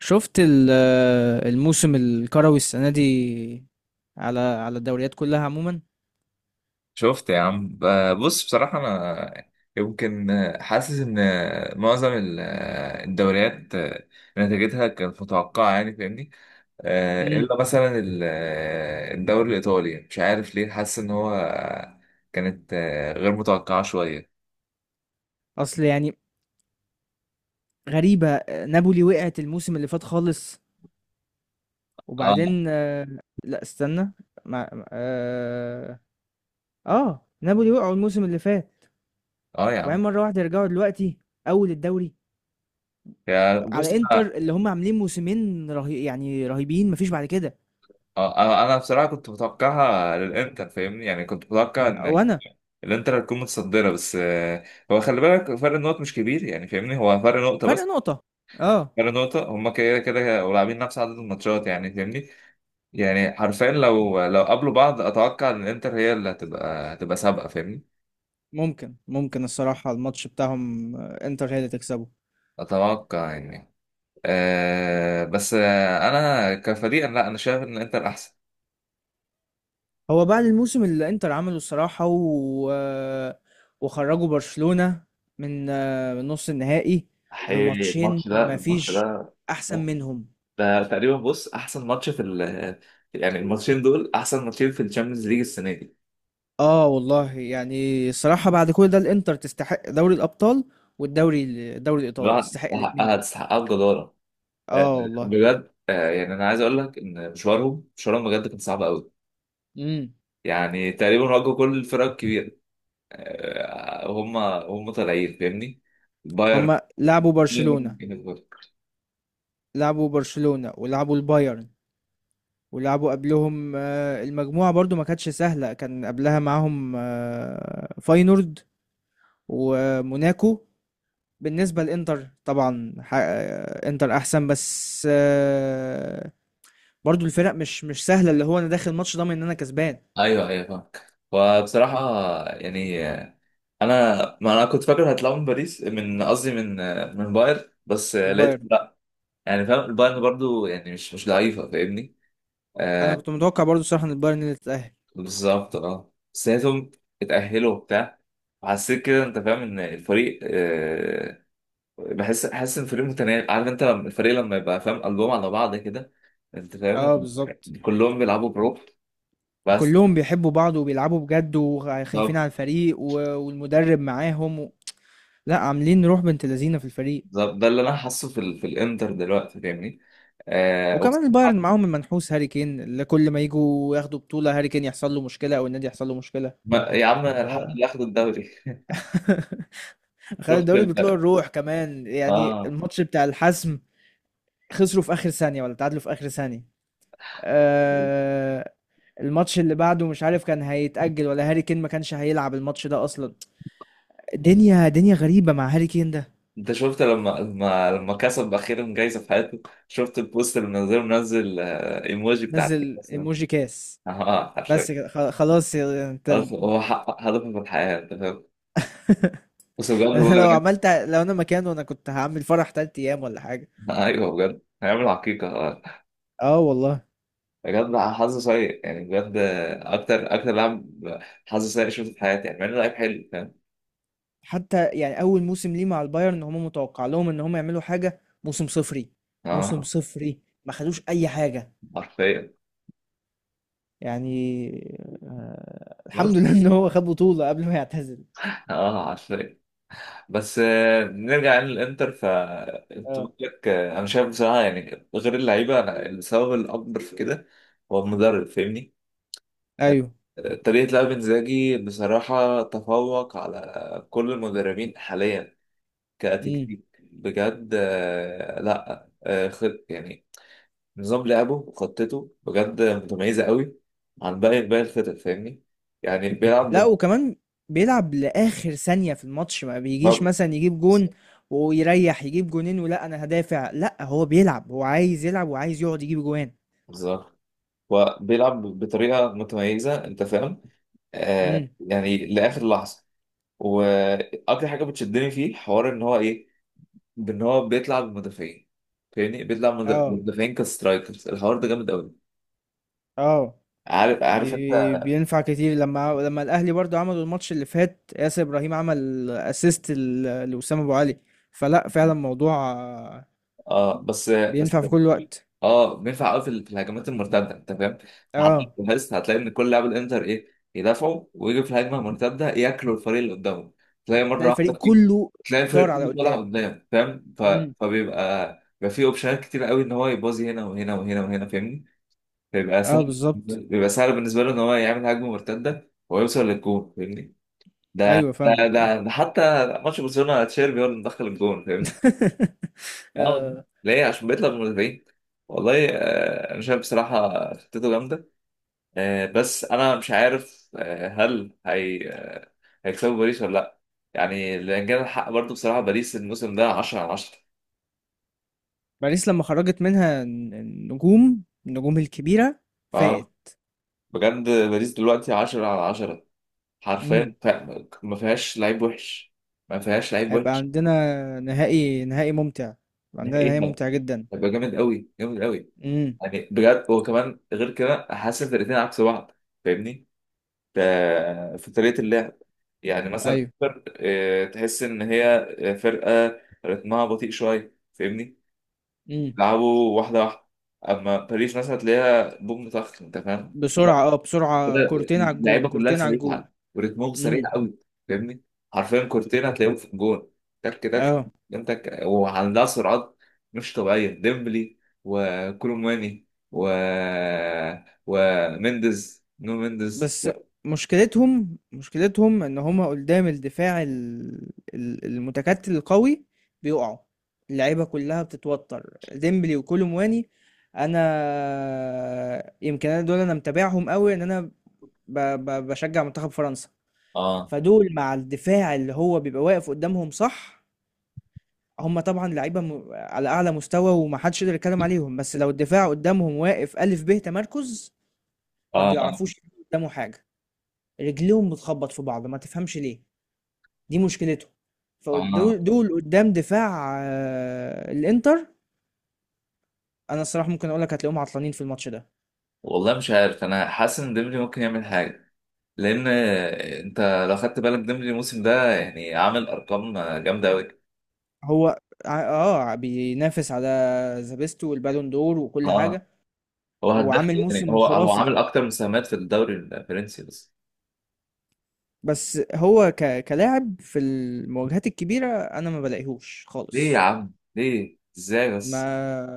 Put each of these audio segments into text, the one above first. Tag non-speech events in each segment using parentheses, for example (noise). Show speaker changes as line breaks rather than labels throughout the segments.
شفت الموسم الكروي السنة دي على الدوريات كلها عموما.
شفت يا عم، بص، بصراحة أنا يمكن حاسس إن معظم الدوريات نتيجتها كانت متوقعة، يعني فاهمني.
امم
إلا مثلا الدوري الإيطالي مش عارف ليه حاسس إن هو كانت غير متوقعة شوية.
اصل يعني غريبة، نابولي وقعت الموسم اللي فات خالص،
آه.
وبعدين لا استنى. مع اه, آه، نابولي وقعوا الموسم اللي فات
آه يا عم.
وبعدين مرة واحدة يرجعوا دلوقتي اول الدوري
يا بص
على انتر
أنا
اللي هم عاملين موسمين رهيبين، مفيش بعد كده.
آه، آه، أنا بصراحة كنت متوقعها للإنتر فاهمني، يعني كنت متوقع إن
وانا
الإنتر هتكون متصدرة، بس هو خلي بالك فرق النقط مش كبير يعني فاهمني، هو فرق نقطة
فرق
بس،
نقطة، اه.
غير نقطة هما كده كده، ولاعبين نفس عدد الماتشات يعني فاهمني. يعني حرفيا لو قابلوا بعض أتوقع إن الإنتر هي اللي هتبقى سابقة فاهمني.
ممكن الصراحة الماتش بتاعهم، انتر هي اللي تكسبه.
أتوقع يعني. أه بس آه، أنا كفريق لا، أنا شايف إن الإنتر أحسن.
هو بعد الموسم اللي انتر عمله الصراحة وخرجوا برشلونة من من نص النهائي
حقيقي
بماتشين،
الماتش ده الماتش
مفيش
ده
احسن منهم.
ده تقريبا، بص، احسن ماتش في يعني الماتشين دول احسن ماتشين في الشامبيونز ليج السنه دي.
اه والله، يعني الصراحة بعد كل ده الانتر تستحق دوري الابطال، والدوري الدوري الايطالي،
بجد
تستحق
تستحقها
الاتنين.
تستحقها بجداره. آه،
اه والله.
بجد، يعني انا عايز اقول لك ان مشوارهم بجد كان صعب قوي.
امم،
يعني تقريبا واجهوا كل الفرق الكبيرة، هم طالعين فاهمني. بايرن،
هما لعبوا برشلونة،
ليفربول.
لعبوا برشلونة ولعبوا البايرن، ولعبوا قبلهم، المجموعة برضو ما كانتش سهلة، كان قبلها معاهم فاينورد وموناكو. بالنسبة للإنتر طبعا إنتر أحسن بس برضو الفرق مش سهلة، اللي هو أنا داخل الماتش ضامن إن أنا كسبان.
ايوه ايوه فاهمك، وبصراحة يعني انا، ما انا كنت فاكر هيطلعوا من باريس، من قصدي من من بايرن، بس
من
لقيت
بايرن.
لا، يعني فاهم البايرن برضو يعني مش ضعيفة فاهمني.
أنا
آه.
كنت متوقع برضو الصراحة إن البايرن اللي تتأهل.
بالظبط، بس لقيتهم اتأهلوا وبتاع. حسيت كده انت فاهم ان الفريق حاسس ان الفريق متناغم، عارف انت لما الفريق لما يبقى فاهم قلبهم على بعض كده، انت فاهم،
اه، بالظبط.
كلهم بيلعبوا بروح. بس.
كلهم بيحبوا بعض وبيلعبوا بجد وخايفين
بالظبط.
على الفريق والمدرب معاهم لا، عاملين روح بنت لذينه في الفريق.
بالظبط. ده اللي انا حاسه في الانتر دلوقتي فاهمني.
وكمان البايرن
وبصراحة.
معاهم المنحوس هاري كين، اللي كل ما يجوا ياخدوا بطولة هاري كين يحصل له مشكلة أو النادي يحصل له مشكلة.
ما... يا عم الحمد
آه.
لله اخدوا الدوري.
(laughs)
(laughs)
خد
شفت
الدوري بطلوع
ال...
الروح، كمان يعني
اه.
الماتش بتاع الحسم خسروا في اخر ثانية ولا تعادلوا في اخر ثانية. آه، الماتش اللي بعده مش عارف كان هيتأجل ولا هاري كين ما كانش هيلعب الماتش ده اصلا. دنيا غريبة مع هاري كين ده.
انت شفت لما كسب اخيرا جايزه في حياته؟ شفت البوست اللي منزله، منزل ايموجي بتاع
نزل
الكاس ده؟
ايموجي كاس.
اه
بس
حرفيا.
كده، خلاص انت.
أصل هو حقق هدفه في الحياه انت فاهم. بس بجد
(laughs)
هو.
لو عملت، لو انا مكانه انا كنت هعمل فرح تلات ايام ولا حاجة.
ايوه بجد هيعمل عقيقة آه.
اه والله.
بجد بقى حظ سيء يعني، بجد اكتر لاعب حظ سيء شفته في حياتي، يعني مع انه لعيب حلو فاهم.
حتى يعني اول موسم ليه مع البايرن هم متوقع لهم ان هم يعملوا حاجه، موسم صفري. موسم
اه
صفري ما خدوش اي حاجه.
حرفيا.
يعني آه الحمد
بس
لله ان هو خد بطوله قبل ما يعتزل.
اه حرفيا. بس نرجع يعني للانتر. ف انت
اه.
قلت لك، انا شايف بصراحة يعني غير اللعيبة أنا السبب الاكبر في كده هو المدرب فاهمني.
ايوه.
طريقة لعب انزاجي بصراحة تفوق على كل المدربين حاليا،
امم.
كتكتيك بجد، لا، آه، خ-. يعني نظام لعبه وخطته بجد متميزه قوي، عن باقي الفرق فاهمني. يعني
لا
بيلعب
وكمان بيلعب لاخر ثانيه في الماتش، ما بيجيش
بال-
مثلا يجيب جون ويريح، يجيب جونين، ولا انا هدافع، لا هو بيلعب، هو عايز يلعب وعايز يقعد يجيب جوان.
بالظبط. وبيلعب بطريقه متميزه انت فاهم،
امم.
يعني لاخر لحظه. واكتر حاجه بتشدني فيه حوار ان هو ايه، بان هو بيطلع بالمدافعين فاهمني، بيطلع
اه.
بالمدافعين كسترايكرز، الحوار ده جامد قوي.
اه.
عارف، عارف انت.
بينفع كتير، لما الاهلي برضو عملوا الماتش اللي فات ياسر ابراهيم عمل اسيست لوسام ابو علي، فلا فعلا الموضوع
اه بس
بينفع
بس
في كل وقت.
اه بينفع قوي في في الهجمات المرتده انت فاهم. لحد
اه.
الجهاز هتلاقي ان كل لاعب الانتر ايه، يدافعوا ويجي في الهجمه المرتده ياكلوا الفريق اللي قدامه. تلاقي مره
تلاقي
واحده
الفريق
في،
كله
تلاقي
طار
الفريق
على
كله طالع
قدام.
قدام فاهم.
امم.
فبيبقى بيبقى فيه اوبشنات كتير قوي ان هو يبوظي هنا وهنا وهنا وهنا فاهمني. بيبقى
اه،
سهل،
بالظبط.
بيبقى سهل بالنسبه له ان هو يعمل هجمه مرتده ويوصل للجون فاهمني. ده
ايوه،
ده
فاهمك، اه.
ده, ده حتى ماتش برشلونه تشيربي هو اللي مدخل الجون فاهمني.
(laughs)
اه.
آه،
ليه؟ عشان بيطلع من المدافعين. والله انا شايف بصراحه خطته جامده. بس انا مش عارف، هل هي هيكسبوا باريس ولا لا؟ يعني لان كان الحق برضه بصراحه باريس الموسم ده 10 على 10.
باريس لما خرجت منها النجوم، النجوم الكبيرة
اه،
فاقت.
بجد باريس دلوقتي 10 على 10 حرفيا.
امم.
ما فيهاش لعيب وحش، ما فيهاش لعيب
هيبقى
وحش.
عندنا نهائي، نهائي ممتع، هيبقى عندنا
نهائي
نهائي ممتع جدا.
هيبقى جامد قوي، جامد قوي.
امم.
يعني بجد. وكمان غير كده حاسس ان الفرقتين عكس بعض فاهمني، ف- في طريقه اللعب. يعني مثلا
ايوه.
تحس ان هي فرقه رتمها بطيء شويه فاهمني،
مم.
بيلعبوا واحده واحده. اما باريس مثلا هتلاقيها بوم طخ انت فاهم.
بسرعة، اه بسرعة،
كده
كورتين على الجون،
اللعيبه كلها
كورتين على الجون.
سريعه ورتمهم
امم.
سريع قوي فاهمني، حرفيا كورتين هتلاقيهم في الجون، تك تك.
اه.
انت، وعندها سرعات مش طبيعيه، ديمبلي وكولوماني و ومندز، نونو مندز.
بس مشكلتهم ان هما قدام الدفاع المتكتل القوي بيقعوا، اللعيبة كلها بتتوتر، ديمبلي وكولومواني. انا يمكن انا دول انا متابعهم قوي ان انا ب- بشجع منتخب فرنسا.
اه.
فدول مع الدفاع اللي هو بيبقى واقف قدامهم، صح هم طبعا لعيبه على اعلى مستوى ومحدش يقدر يتكلم عليهم، بس لو الدفاع قدامهم واقف الف ب تمركز ما
اه. اه.
بيعرفوش يعملوا قدامه حاجه، رجليهم بتخبط في بعض ما تفهمش ليه. دي مشكلتهم.
اه
فدول قدام دفاع الانتر انا الصراحه ممكن اقول لك هتلاقيهم عطلانين في الماتش ده.
والله مش عارف، انا حاسس ان ديمبلي ممكن يعمل حاجه. لان انت لو خدت بالك ديمبلي الموسم ده يعني عامل ارقام جامده قوي.
هو ع- اه بينافس على زابيستو والبالون دور وكل
اه.
حاجه.
هو هداف
وعامل
يعني،
موسم
هو
خرافي.
عامل اكتر مساهمات في الدوري الفرنسي بس.
بس هو كلاعب في المواجهات الكبيره انا ما بلاقيهوش
ليه يا
خالص.
عم؟ ليه ازاي
ما
بس؟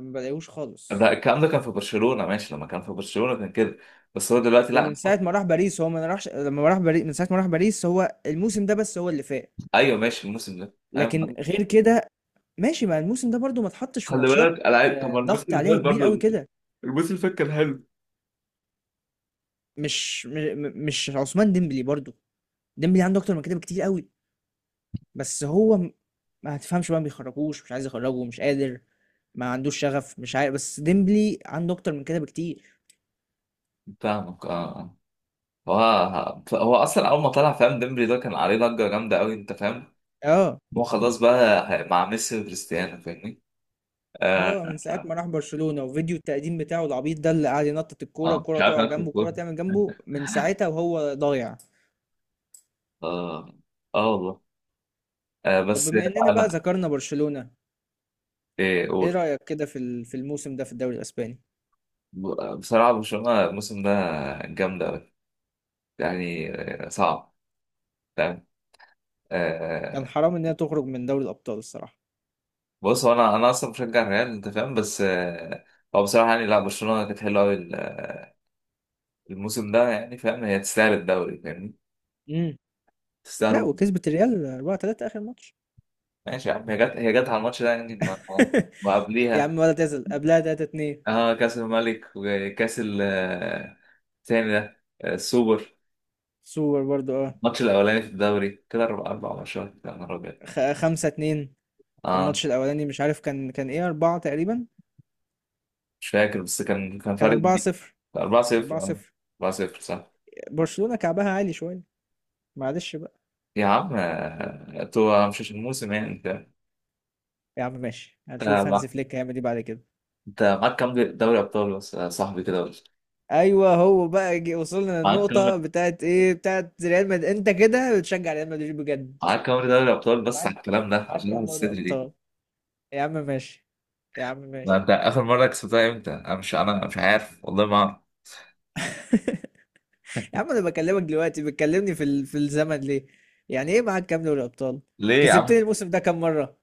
ما بلاقيهوش
ده
خالص.
الكلام ده كان في برشلونه، ماشي لما كان في برشلونه كان كده. بس هو دلوقتي
ومن
لا.
ساعة ما راح باريس هو ما راحش، لما راح باريس من ساعة ما راح باريس هو الموسم ده بس هو اللي فاق.
ايوه ماشي الموسم ده
لكن
ايوه.
غير كده ماشي، ما الموسم ده برضو ما اتحطش في
خلي
ماتشات،
بالك العيب. طب ما الموسم
ضغط
اللي
عليها
فات
كبير
برضه،
قوي كده.
الموسم اللي فات كان حلو.
مش م- م- مش عثمان ديمبلي برضو، ديمبلي عنده اكتر من كده بكتير قوي. بس هو م- ما هتفهمش بقى، ما بيخرجوش، مش عايز يخرجه، مش قادر، ما عندوش شغف، مش عارف، بس ديمبلي عنده اكتر من كده بكتير.
فاهمك اه. هو اصلا اول ما طلع فاهم، ديمبلي ده كان عليه ضجه جامده قوي انت فاهم.
اه.
هو خلاص بقى مع ميسي وكريستيانو فاهمني.
هو
اه.
من ساعة ما راح برشلونة وفيديو التقديم بتاعه العبيط ده اللي قاعد ينطط الكورة،
مش
الكورة
عارف
تقع
اخد
جنبه الكورة
الكوره.
تعمل جنبه، من ساعتها وهو ضايع.
اه. اه والله. آه
طب
بس
بما اننا بقى
انا.
ذكرنا برشلونة،
ايه
ايه
قول.
رأيك كده في في الموسم ده في الدوري الاسباني؟
بصراحه برشلونه الموسم ده جامده قوي يعني، صعب فاهم
كان
آه.
حرام انها تخرج من دوري الابطال الصراحة.
بص هو انا اصلا بشجع الريال انت فاهم، بس آه، هو بصراحه يعني لا، برشلونه كانت حلوه قوي الموسم ده يعني فاهم، هي تستاهل الدوري فاهمني،
امم. لا،
تستاهل.
وكسبت الريال 4 3 اخر ماتش.
ماشي يا عم، هي جت، هي جت على الماتش ده يعني ما-.
(laughs) يا عم
وقبليها
ولا تزل قبلها 3 2،
اه كاس الملك وكاس الثاني ده السوبر.
سوبر برضو، اه
الماتش الاولاني في الدوري كده، اربع ماتشات، يا نهار ابيض.
5 2.
اه
والماتش الاولاني مش عارف كان كان ايه، 4 تقريبا.
مش فاكر، بس كان
كان
فرق كبير.
4 0.
4-0.
4 0.
4-0 صح.
برشلونة كعبها عالي شوية، معلش.
يا عم انتوا مش عشان الموسم يعني انت،
يا عم ماشي،
انت
هنشوف هانز
مع-
فليك هيعمل ايه بعد كده.
انت معاك كام دوري ابطال بس يا صاحبي، كده بس،
ايوه هو بقى جي وصلنا
معاك كام،
للنقطة بتاعت ايه، بتاعت ريال مدريد. انت كده بتشجع ريال مدريد بجد؟
معاك كام دوري ابطال بس على
معاك
الكلام ده
معاك
عشان اعمل
كام دوري
الصدر.
ابطال؟ يا عم ماشي، يا عم
ما
ماشي.
انت اخر مره كسبتها امتى؟ انا مش عارف والله، ما اعرف.
(laughs) يا عم انا بكلمك دلوقتي بتكلمني في في الزمن ليه؟ يعني ايه معاك كام دوري ابطال؟
ليه يا
كسبتني
عم؟
الموسم ده كام مرة؟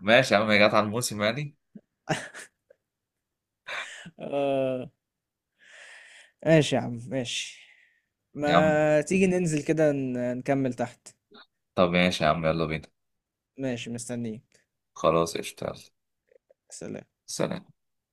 ماشي يا عم، هي جت على الموسم يعني.
آه... ماشي يا عم، ماشي.
يا عم،
ما تيجي ننزل كده نكمل تحت.
طب ماشي يا عم، يلا بينا،
ماشي، مستنيك.
خلاص اشتغل،
سلام.
سلام.